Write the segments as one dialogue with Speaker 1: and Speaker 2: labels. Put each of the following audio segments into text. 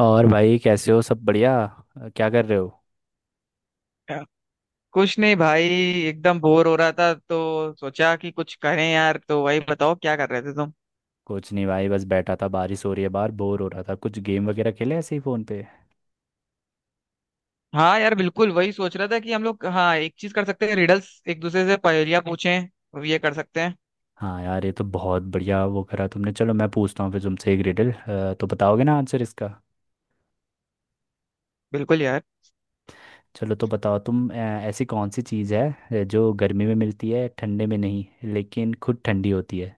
Speaker 1: और भाई कैसे हो? सब बढ़िया। क्या कर रहे हो?
Speaker 2: क्या? कुछ नहीं भाई। एकदम बोर हो रहा था तो सोचा कि कुछ करें यार। तो वही बताओ, क्या कर रहे थे तुम?
Speaker 1: कुछ नहीं भाई, बस बैठा था, बारिश हो रही है बाहर, बोर हो रहा था, कुछ गेम वगैरह खेले ऐसे ही फ़ोन पे।
Speaker 2: हाँ यार, बिल्कुल वही सोच रहा था कि हम लोग, हाँ, एक चीज कर सकते हैं। रिडल्स, एक दूसरे से पहेलियां पूछें। अब ये कर सकते हैं।
Speaker 1: हाँ यार, ये तो बहुत बढ़िया वो करा तुमने। चलो मैं पूछता हूँ फिर तुमसे एक रिडल। तो बताओगे ना आंसर इसका?
Speaker 2: बिल्कुल यार।
Speaker 1: चलो तो बताओ तुम, ऐसी कौन सी चीज़ है जो गर्मी में मिलती है ठंडे में नहीं, लेकिन खुद ठंडी होती है।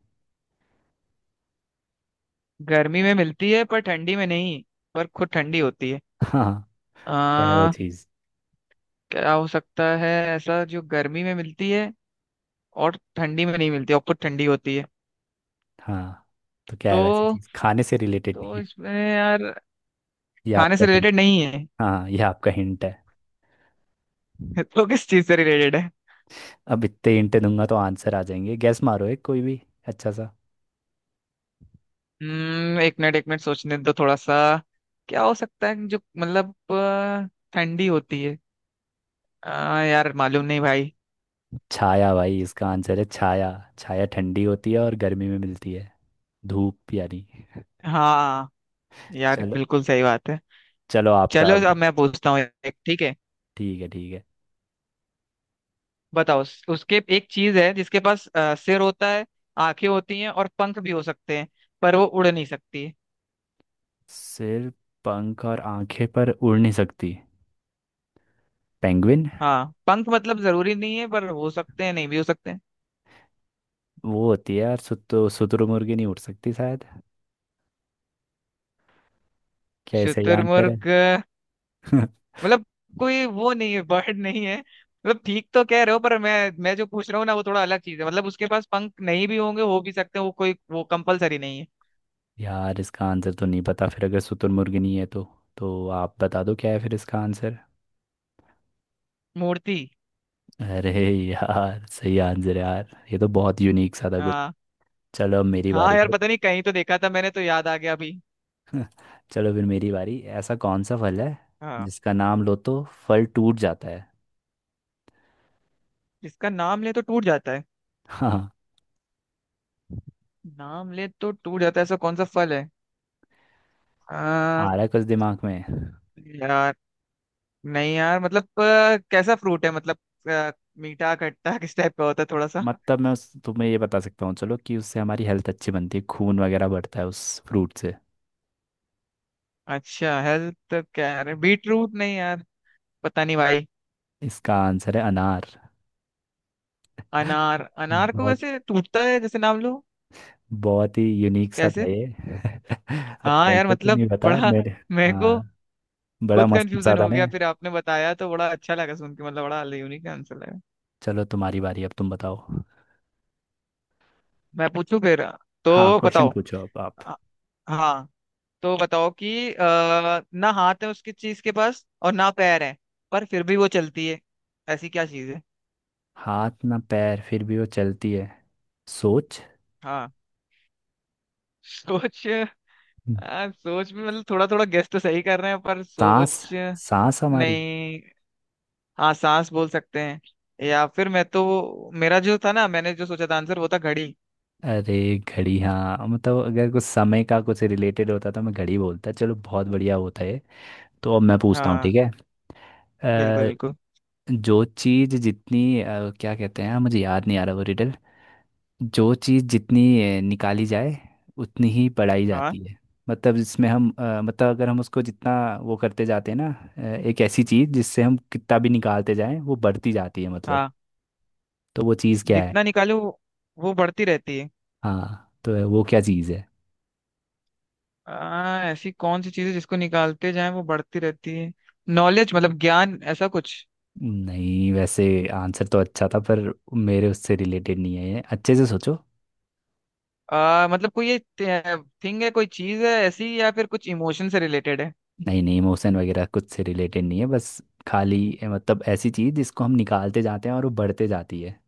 Speaker 2: गर्मी में मिलती है पर ठंडी में नहीं। पर खुद ठंडी होती है।
Speaker 1: हाँ। क्या है वो
Speaker 2: आ,
Speaker 1: चीज़?
Speaker 2: क्या हो सकता है? ऐसा जो गर्मी में मिलती है और ठंडी में नहीं मिलती और खुद ठंडी होती है।
Speaker 1: हाँ तो क्या है वैसी
Speaker 2: तो
Speaker 1: चीज़? खाने से रिलेटेड नहीं
Speaker 2: तो
Speaker 1: है,
Speaker 2: इसमें यार,
Speaker 1: ये
Speaker 2: खाने
Speaker 1: आपका
Speaker 2: से
Speaker 1: हिंट।
Speaker 2: रिलेटेड नहीं है।
Speaker 1: हाँ ये आपका हिंट है।
Speaker 2: तो किस चीज से रिलेटेड है?
Speaker 1: अब इतने हिंट दूंगा तो आंसर आ जाएंगे। गैस मारो एक कोई भी, अच्छा सा।
Speaker 2: एक मिनट एक मिनट, सोचने दो थोड़ा सा। क्या हो सकता है जो मतलब ठंडी होती है? यार मालूम नहीं भाई।
Speaker 1: छाया भाई, इसका आंसर है छाया। छाया ठंडी होती है और गर्मी में मिलती है, धूप यानी।
Speaker 2: हाँ यार,
Speaker 1: चलो,
Speaker 2: बिल्कुल सही बात है।
Speaker 1: चलो आपका
Speaker 2: चलो अब
Speaker 1: अब।
Speaker 2: मैं पूछता हूँ एक, ठीक है?
Speaker 1: ठीक है ठीक है।
Speaker 2: बताओ उसके, एक चीज है जिसके पास सिर होता है, आंखें होती हैं और पंख भी हो सकते हैं, पर वो उड़ नहीं सकती।
Speaker 1: सिर, पंख और आंखें पर उड़ नहीं सकती, पेंगुइन।
Speaker 2: हाँ, पंख मतलब जरूरी नहीं है पर हो सकते हैं, नहीं भी हो सकते हैं।
Speaker 1: वो होती है यार, सुतु शुतुरमुर्गी नहीं उड़ सकती शायद। क्या ऐसा ही आंसर है?
Speaker 2: शुतुरमुर्ग? मतलब कोई वो नहीं है, बर्ड नहीं है मतलब। ठीक तो कह रहे हो पर मैं जो पूछ रहा हूँ ना, वो थोड़ा अलग चीज है। मतलब उसके पास पंख नहीं भी होंगे, हो भी सकते हैं, वो कोई, वो कंपलसरी नहीं है।
Speaker 1: यार इसका आंसर तो नहीं पता फिर, अगर शुतुरमुर्गी नहीं है तो। तो आप बता दो क्या है फिर इसका आंसर।
Speaker 2: मूर्ति।
Speaker 1: अरे, यार सही आंसर है, यार ये तो बहुत यूनिक सा था कुछ।
Speaker 2: हाँ।
Speaker 1: चलो अब मेरी
Speaker 2: हाँ
Speaker 1: बारी
Speaker 2: यार,
Speaker 1: फिर।
Speaker 2: पता नहीं, कहीं तो देखा था मैंने तो याद आ गया अभी।
Speaker 1: चलो फिर मेरी बारी। ऐसा कौन सा फल है
Speaker 2: हाँ।
Speaker 1: जिसका नाम लो तो फल टूट जाता है?
Speaker 2: जिसका नाम ले तो टूट जाता है?
Speaker 1: हाँ।
Speaker 2: नाम ले तो टूट जाता है, ऐसा कौन सा फल है? आ,
Speaker 1: आ रहा है कुछ दिमाग में?
Speaker 2: यार। नहीं यार, मतलब कैसा फ्रूट है मतलब? अ, मीठा, खट्टा, किस टाइप का होता है थोड़ा सा?
Speaker 1: मतलब मैं उस तुम्हें ये बता सकता हूँ चलो, कि उससे हमारी हेल्थ अच्छी बनती है, खून वगैरह बढ़ता है उस फ्रूट से।
Speaker 2: अच्छा, हेल्थ क्या है, बीट रूट? नहीं यार, पता नहीं भाई।
Speaker 1: इसका आंसर है अनार।
Speaker 2: अनार? अनार को
Speaker 1: बहुत,
Speaker 2: वैसे टूटता है जैसे नाम लो?
Speaker 1: बहुत ही यूनिक सा
Speaker 2: कैसे?
Speaker 1: था ये। अब
Speaker 2: हाँ यार
Speaker 1: कैसे तो
Speaker 2: मतलब
Speaker 1: नहीं बता
Speaker 2: बड़ा
Speaker 1: मेरे।
Speaker 2: मेरे को
Speaker 1: हाँ। बड़ा
Speaker 2: खुद
Speaker 1: मस्त
Speaker 2: कंफ्यूजन
Speaker 1: साधा
Speaker 2: हो
Speaker 1: ने।
Speaker 2: गया, फिर आपने बताया तो बड़ा अच्छा लगा सुन के। मतलब बड़ा यूनिक आंसर लगा।
Speaker 1: चलो तुम्हारी बारी, अब तुम बताओ।
Speaker 2: मैं पूछूं फिर?
Speaker 1: हाँ
Speaker 2: तो
Speaker 1: क्वेश्चन
Speaker 2: बताओ।
Speaker 1: पूछो अब आप।
Speaker 2: अ, हाँ। तो बताओ कि ना हाथ है उसकी चीज के पास और ना पैर है, पर फिर भी वो चलती है। ऐसी क्या चीज है?
Speaker 1: हाथ ना पैर, फिर भी वो चलती है। सोच।
Speaker 2: हाँ, सोच?
Speaker 1: हम्म।
Speaker 2: सोच भी मतलब, थोड़ा थोड़ा गेस तो सही कर रहे हैं, पर
Speaker 1: सांस,
Speaker 2: सोच?
Speaker 1: सांस हमारी।
Speaker 2: नहीं। हाँ, सांस बोल सकते हैं, या फिर मैं तो, मेरा जो था ना, मैंने जो सोचा था आंसर, वो था घड़ी।
Speaker 1: अरे, घड़ी हाँ, मतलब अगर कुछ समय का कुछ रिलेटेड होता तो मैं घड़ी बोलता। चलो बहुत बढ़िया होता है। तो अब मैं पूछता हूँ, ठीक
Speaker 2: हाँ,
Speaker 1: है।
Speaker 2: बिल्कुल
Speaker 1: अ,
Speaker 2: बिल्कुल।
Speaker 1: जो चीज़ जितनी, क्या कहते हैं मुझे याद नहीं आ रहा वो रिडल। जो चीज़ जितनी निकाली जाए उतनी ही पढ़ाई
Speaker 2: हाँ।
Speaker 1: जाती है। मतलब जिसमें हम, मतलब अगर हम उसको जितना वो करते जाते हैं ना, एक ऐसी चीज़ जिससे हम कितना भी निकालते जाएं वो बढ़ती जाती है, मतलब।
Speaker 2: हाँ,
Speaker 1: तो वो चीज़ क्या है?
Speaker 2: जितना निकालो वो बढ़ती रहती है?
Speaker 1: हाँ तो वो क्या चीज़ है?
Speaker 2: ऐसी कौन सी चीज है जिसको निकालते जाएं वो बढ़ती रहती है? नॉलेज, मतलब ज्ञान, ऐसा कुछ?
Speaker 1: नहीं, वैसे आंसर तो अच्छा था पर मेरे उससे रिलेटेड नहीं है ये। अच्छे से सोचो।
Speaker 2: मतलब कोई ये थिंग है, कोई चीज है ऐसी, या फिर कुछ इमोशन से रिलेटेड है?
Speaker 1: नहीं नहीं, इमोशन वगैरह कुछ से रिलेटेड नहीं है, बस खाली, मतलब ऐसी चीज़ जिसको हम निकालते जाते हैं और वो बढ़ते जाती है।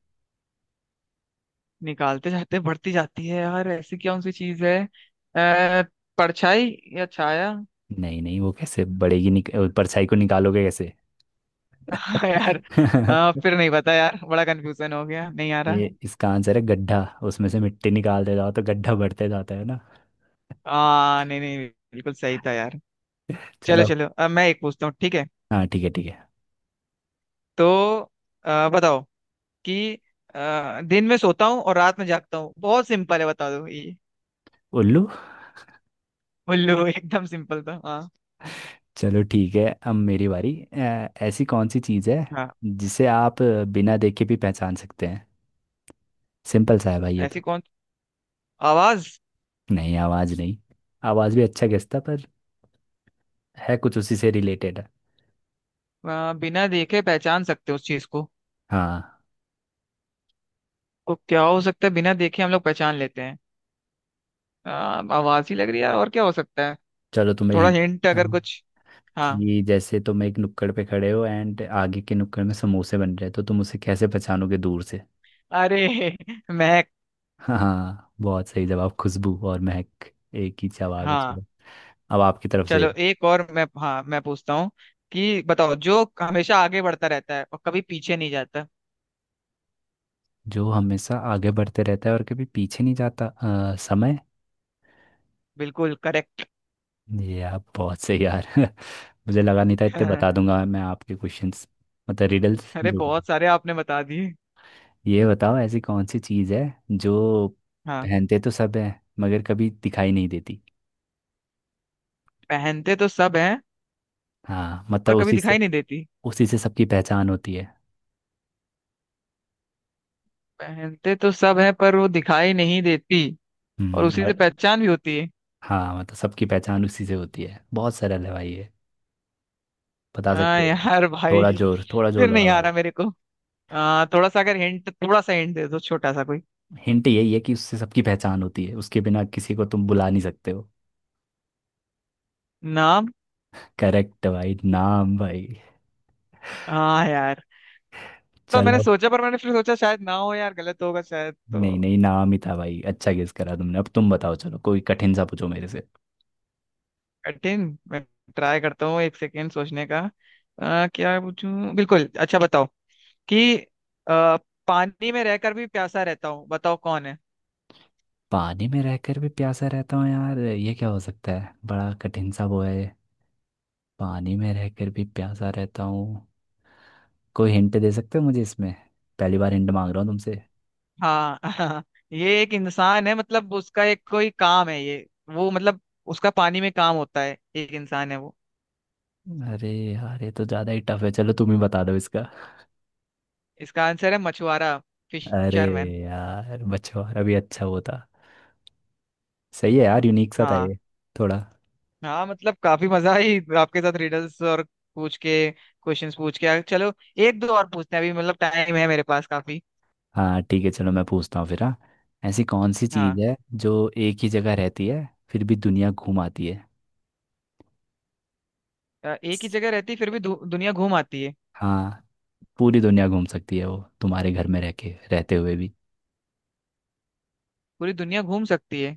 Speaker 2: निकालते जाते बढ़ती जाती है यार, ऐसी कौन सी चीज है? आ, परछाई, या छाया?
Speaker 1: नहीं नहीं, वो कैसे बढ़ेगी? परछाई को निकालोगे कैसे?
Speaker 2: हाँ यार। फिर नहीं पता यार, बड़ा कंफ्यूजन हो गया, नहीं आ रहा।
Speaker 1: ये इसका आंसर है गड्ढा। उसमें से मिट्टी निकालते जाओ तो गड्ढा बढ़ते जाता है ना।
Speaker 2: नहीं नहीं, बिल्कुल सही था यार। चलो,
Speaker 1: चलो।
Speaker 2: चलो अब मैं एक पूछता हूँ, ठीक है?
Speaker 1: हाँ ठीक है ठीक है।
Speaker 2: तो बताओ कि दिन में सोता हूँ और रात में जागता हूँ, बहुत सिंपल है, बता दो ये।
Speaker 1: उल्लू।
Speaker 2: उल्लू। एकदम सिंपल था, हाँ।
Speaker 1: चलो ठीक है अब मेरी बारी। ऐसी कौन सी चीज़ है
Speaker 2: हाँ।
Speaker 1: जिसे आप बिना देखे भी पहचान सकते हैं? सिंपल सा है भाई ये तो।
Speaker 2: ऐसी कौन, आवाज?
Speaker 1: नहीं आवाज़ नहीं, आवाज़ भी अच्छा गेस था पर है कुछ उसी से रिलेटेड है।
Speaker 2: बिना देखे पहचान सकते हो उस चीज को?
Speaker 1: हाँ।
Speaker 2: तो क्या हो सकता है बिना देखे हम लोग पहचान लेते हैं? आ, आवाज ही लग रही है यार, और क्या हो सकता है?
Speaker 1: चलो तुम्हें
Speaker 2: थोड़ा
Speaker 1: हिंट
Speaker 2: हिंट
Speaker 1: देता
Speaker 2: अगर
Speaker 1: हूँ।
Speaker 2: कुछ? हाँ।
Speaker 1: कि जैसे तुम एक नुक्कड़ पे खड़े हो एंड आगे के नुक्कड़ में समोसे बन रहे हैं, तो तुम उसे कैसे पहचानोगे दूर से?
Speaker 2: अरे, महक!
Speaker 1: हाँ बहुत सही जवाब, खुशबू और महक एक ही जवाब है।
Speaker 2: हाँ।
Speaker 1: चलो अब आपकी तरफ से।
Speaker 2: चलो एक और मैं, हाँ, मैं पूछता हूँ कि बताओ, जो हमेशा आगे बढ़ता रहता है और कभी पीछे नहीं जाता?
Speaker 1: जो हमेशा आगे बढ़ते रहता है और कभी पीछे नहीं जाता, समय।
Speaker 2: बिल्कुल करेक्ट।
Speaker 1: ये आप बहुत सही यार। मुझे लगा नहीं था इतने बता दूंगा मैं आपके क्वेश्चंस, मतलब रिडल्स
Speaker 2: अरे
Speaker 1: जो भी।
Speaker 2: बहुत सारे आपने बता दिए।
Speaker 1: ये बताओ ऐसी कौन सी चीज़ है जो
Speaker 2: हाँ।
Speaker 1: पहनते तो सब है मगर कभी दिखाई नहीं देती।
Speaker 2: पहनते तो सब हैं
Speaker 1: हाँ
Speaker 2: पर
Speaker 1: मतलब
Speaker 2: कभी
Speaker 1: उसी से,
Speaker 2: दिखाई नहीं देती।
Speaker 1: उसी से सबकी पहचान होती है।
Speaker 2: पहनते तो सब हैं पर वो दिखाई नहीं देती, और उसी से
Speaker 1: और।
Speaker 2: पहचान भी होती है।
Speaker 1: हाँ मतलब सबकी पहचान उसी से होती है। बहुत सरल है भाई ये। बता सकते हो तुम।
Speaker 2: यार भाई,
Speaker 1: थोड़ा जोर, थोड़ा जोर
Speaker 2: फिर नहीं
Speaker 1: लगा
Speaker 2: आ
Speaker 1: भाई।
Speaker 2: रहा मेरे को। थोड़ा सा अगर हिंट, थोड़ा सा हिंट दे दो, छोटा सा कोई।
Speaker 1: हिंट यही है कि उससे सबकी पहचान होती है, उसके बिना किसी को तुम बुला नहीं सकते हो।
Speaker 2: नाम?
Speaker 1: करेक्ट भाई, नाम भाई।
Speaker 2: हाँ यार, तो मैंने
Speaker 1: चलो।
Speaker 2: सोचा, पर मैंने फिर सोचा शायद ना हो यार, गलत होगा शायद,
Speaker 1: नहीं
Speaker 2: तो।
Speaker 1: नहीं, नाम ही था भाई, अच्छा गेस करा तुमने। अब तुम बताओ चलो, कोई कठिन सा पूछो मेरे से।
Speaker 2: कठिन? मैं ट्राई करता हूँ एक सेकेंड, सोचने का। क्या पूछूं? बिल्कुल, अच्छा बताओ कि अ, पानी में रहकर भी प्यासा रहता हूँ, बताओ कौन है?
Speaker 1: पानी में रहकर भी प्यासा रहता हूँ, यार ये क्या हो सकता है? बड़ा कठिन सा वो है। पानी में रहकर भी प्यासा रहता हूँ। कोई हिंट दे सकते हो मुझे इसमें? पहली बार हिंट मांग रहा हूँ तुमसे।
Speaker 2: हाँ, हाँ। ये एक इंसान है, मतलब उसका एक कोई काम है ये। वो मतलब, उसका पानी में काम होता है, एक इंसान है वो।
Speaker 1: अरे यार, ये तो ज़्यादा ही टफ है। चलो तुम ही बता दो इसका।
Speaker 2: इसका आंसर है मछुआरा।
Speaker 1: अरे,
Speaker 2: फिशरमैन।
Speaker 1: यार मछुआरा भी अच्छा वो था। सही है यार, यूनिक सा था
Speaker 2: हाँ।
Speaker 1: ये थोड़ा।
Speaker 2: हाँ मतलब, काफी मजा आई आपके साथ रिडल्स और पूछ के, क्वेश्चंस पूछ के। चलो, एक दो और पूछते हैं अभी, मतलब टाइम है मेरे पास काफी।
Speaker 1: हाँ ठीक है, चलो मैं पूछता हूँ फिर हाँ। ऐसी कौन सी
Speaker 2: हाँ।
Speaker 1: चीज़ है जो एक ही जगह रहती है फिर भी दुनिया घूम आती है?
Speaker 2: एक ही जगह रहती फिर भी दुनिया घूम आती है?
Speaker 1: हाँ, पूरी दुनिया घूम सकती है वो, तुम्हारे घर में रह के, रहते हुए भी।
Speaker 2: पूरी दुनिया घूम सकती है?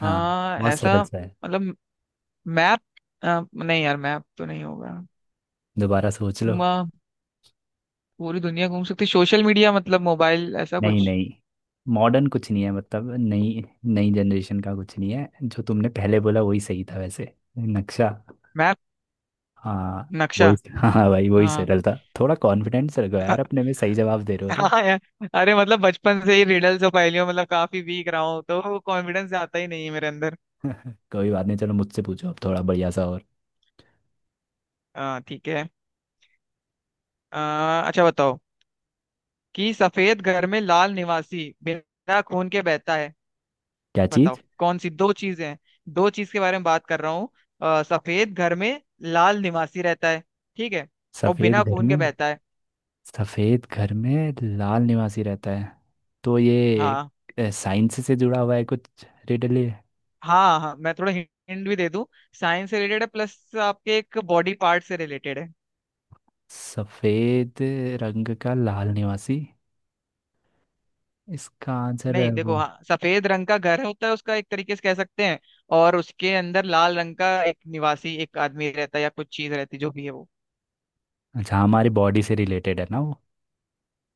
Speaker 1: हाँ।
Speaker 2: हाँ,
Speaker 1: बहुत सरल
Speaker 2: ऐसा?
Speaker 1: सा है।
Speaker 2: मतलब, मैप? नहीं यार, मैप तो नहीं होगा।
Speaker 1: दोबारा सोच लो।
Speaker 2: म, पूरी दुनिया घूम सकती, सोशल मीडिया मतलब, मोबाइल, ऐसा
Speaker 1: नहीं
Speaker 2: कुछ?
Speaker 1: नहीं, मॉडर्न कुछ नहीं है, मतलब नई नई जनरेशन का कुछ नहीं है। जो तुमने पहले बोला वही सही था वैसे, नक्शा।
Speaker 2: मैप,
Speaker 1: हाँ
Speaker 2: नक्शा।
Speaker 1: वही, हाँ हाँ भाई वही
Speaker 2: हाँ।
Speaker 1: सरल था। थोड़ा कॉन्फिडेंस रखो
Speaker 2: अ-
Speaker 1: यार अपने में, सही जवाब दे रहे हो तुम।
Speaker 2: हाँ यार। अरे मतलब, बचपन से ही रिडल्स और पहेलियों मतलब काफी वीक रहा हूँ, तो कॉन्फिडेंस आता ही नहीं है मेरे अंदर।
Speaker 1: कोई बात नहीं, चलो मुझसे पूछो अब थोड़ा बढ़िया सा और।
Speaker 2: हाँ ठीक है। अ, अच्छा बताओ कि सफेद घर में लाल निवासी, बिना खून के बहता है।
Speaker 1: क्या
Speaker 2: बताओ
Speaker 1: चीज़?
Speaker 2: कौन सी दो चीजें हैं? दो चीज के बारे में बात कर रहा हूँ। सफेद घर में लाल निवासी रहता है, ठीक है? और
Speaker 1: सफ़ेद
Speaker 2: बिना
Speaker 1: घर
Speaker 2: खून के
Speaker 1: में,
Speaker 2: बहता है।
Speaker 1: सफ़ेद घर में लाल निवासी रहता है। तो
Speaker 2: हाँ
Speaker 1: ये साइंस से जुड़ा हुआ है कुछ, रिडल ये?
Speaker 2: हाँ, हाँ मैं थोड़ा हिंट भी दे दूं। साइंस से रिलेटेड है, प्लस आपके एक बॉडी पार्ट से रिलेटेड है।
Speaker 1: सफ़ेद रंग का लाल निवासी, इसका आंसर है
Speaker 2: नहीं
Speaker 1: वो।
Speaker 2: देखो, हाँ, सफेद रंग का घर होता है उसका एक तरीके से कह सकते हैं, और उसके अंदर लाल रंग का एक निवासी, एक आदमी रहता है या कुछ चीज रहती है, जो भी है वो।
Speaker 1: अच्छा हमारी बॉडी से रिलेटेड है ना वो?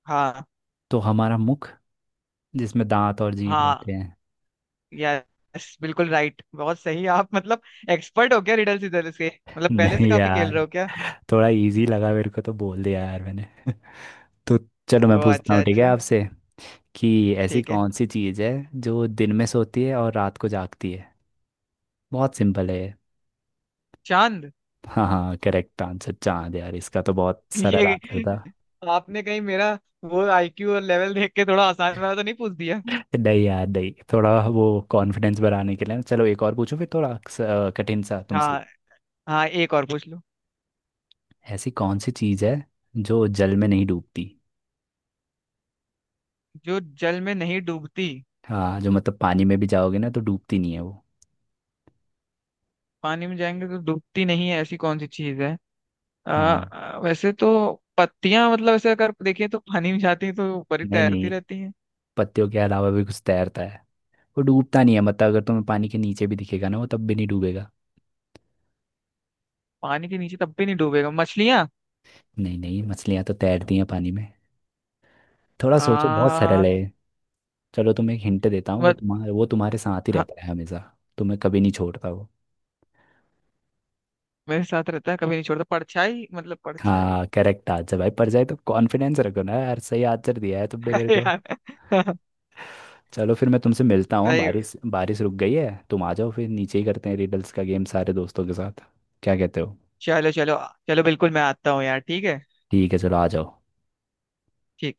Speaker 2: हाँ।
Speaker 1: तो हमारा मुख, जिसमें दांत और जीभ
Speaker 2: हाँ,
Speaker 1: रहते हैं।
Speaker 2: यस बिल्कुल राइट, बहुत सही आप मतलब, एक्सपर्ट हो क्या रिडल सिदल से?
Speaker 1: मुख
Speaker 2: मतलब
Speaker 1: है
Speaker 2: पहले से
Speaker 1: नहीं
Speaker 2: काफी खेल
Speaker 1: यार,
Speaker 2: रहे हो क्या?
Speaker 1: थोड़ा इजी लगा मेरे को तो बोल दिया यार मैंने। तो चलो मैं
Speaker 2: ओ
Speaker 1: पूछता
Speaker 2: अच्छा
Speaker 1: हूँ, ठीक है
Speaker 2: अच्छा।
Speaker 1: आपसे, कि ऐसी
Speaker 2: ठीक है।
Speaker 1: कौन सी चीज़ है जो दिन में सोती है और रात को जागती है? बहुत सिंपल है ये।
Speaker 2: चांद।
Speaker 1: हाँ हाँ करेक्ट आंसर चांद यार, इसका तो बहुत सरल आंसर
Speaker 2: ये,
Speaker 1: था।
Speaker 2: आपने कहीं मेरा वो आईक्यू और लेवल देख के थोड़ा आसान वाला तो नहीं पूछ दिया?
Speaker 1: नहीं यार नहीं, थोड़ा वो कॉन्फिडेंस बढ़ाने के लिए ना। चलो एक और पूछो फिर थोड़ा कठिन सा तुमसे।
Speaker 2: हाँ। हाँ, एक और पूछ लो।
Speaker 1: ऐसी कौन सी चीज़ है जो जल में नहीं डूबती?
Speaker 2: जो जल में नहीं डूबती?
Speaker 1: हाँ जो मतलब पानी में भी जाओगे ना तो डूबती नहीं है वो।
Speaker 2: पानी में जाएंगे तो डूबती नहीं है, ऐसी कौन सी चीज है?
Speaker 1: हाँ।
Speaker 2: वैसे तो, पत्तियां मतलब, ऐसे अगर देखें तो पानी में जाती हैं तो ऊपर ही
Speaker 1: नहीं
Speaker 2: तैरती
Speaker 1: नहीं,
Speaker 2: रहती हैं।
Speaker 1: पत्तियों के अलावा भी कुछ तैरता है। वो डूबता नहीं है, मतलब अगर तुम्हें पानी के नीचे भी दिखेगा ना वो, तब भी नहीं डूबेगा।
Speaker 2: पानी के नीचे तब भी नहीं डूबेगा, मछलियां?
Speaker 1: नहीं नहीं, मछलियाँ तो तैरती हैं पानी में। थोड़ा सोचो, बहुत सरल
Speaker 2: आ,
Speaker 1: है। चलो तुम्हें एक हिंट देता हूँ, वो तुम्हारे साथ ही
Speaker 2: हाँ।
Speaker 1: रहता है हमेशा। तुम्हें कभी नहीं छोड़ता वो।
Speaker 2: मेरे साथ रहता है कभी नहीं छोड़ता, परछाई, मतलब परछाई।
Speaker 1: हाँ करेक्ट आंसर भाई, पर जाए तो कॉन्फिडेंस रखो ना यार, सही आंसर दिया है तुमने मेरे
Speaker 2: अरे
Speaker 1: को।
Speaker 2: यार।
Speaker 1: चलो फिर मैं तुमसे मिलता हूँ।
Speaker 2: भाई,
Speaker 1: बारिश बारिश रुक गई है, तुम आ जाओ, फिर नीचे ही करते हैं रिडल्स का गेम सारे दोस्तों के साथ। क्या कहते हो?
Speaker 2: चलो चलो। चलो बिल्कुल, मैं आता हूँ यार, ठीक है।
Speaker 1: ठीक है चलो आ जाओ।
Speaker 2: ठीक।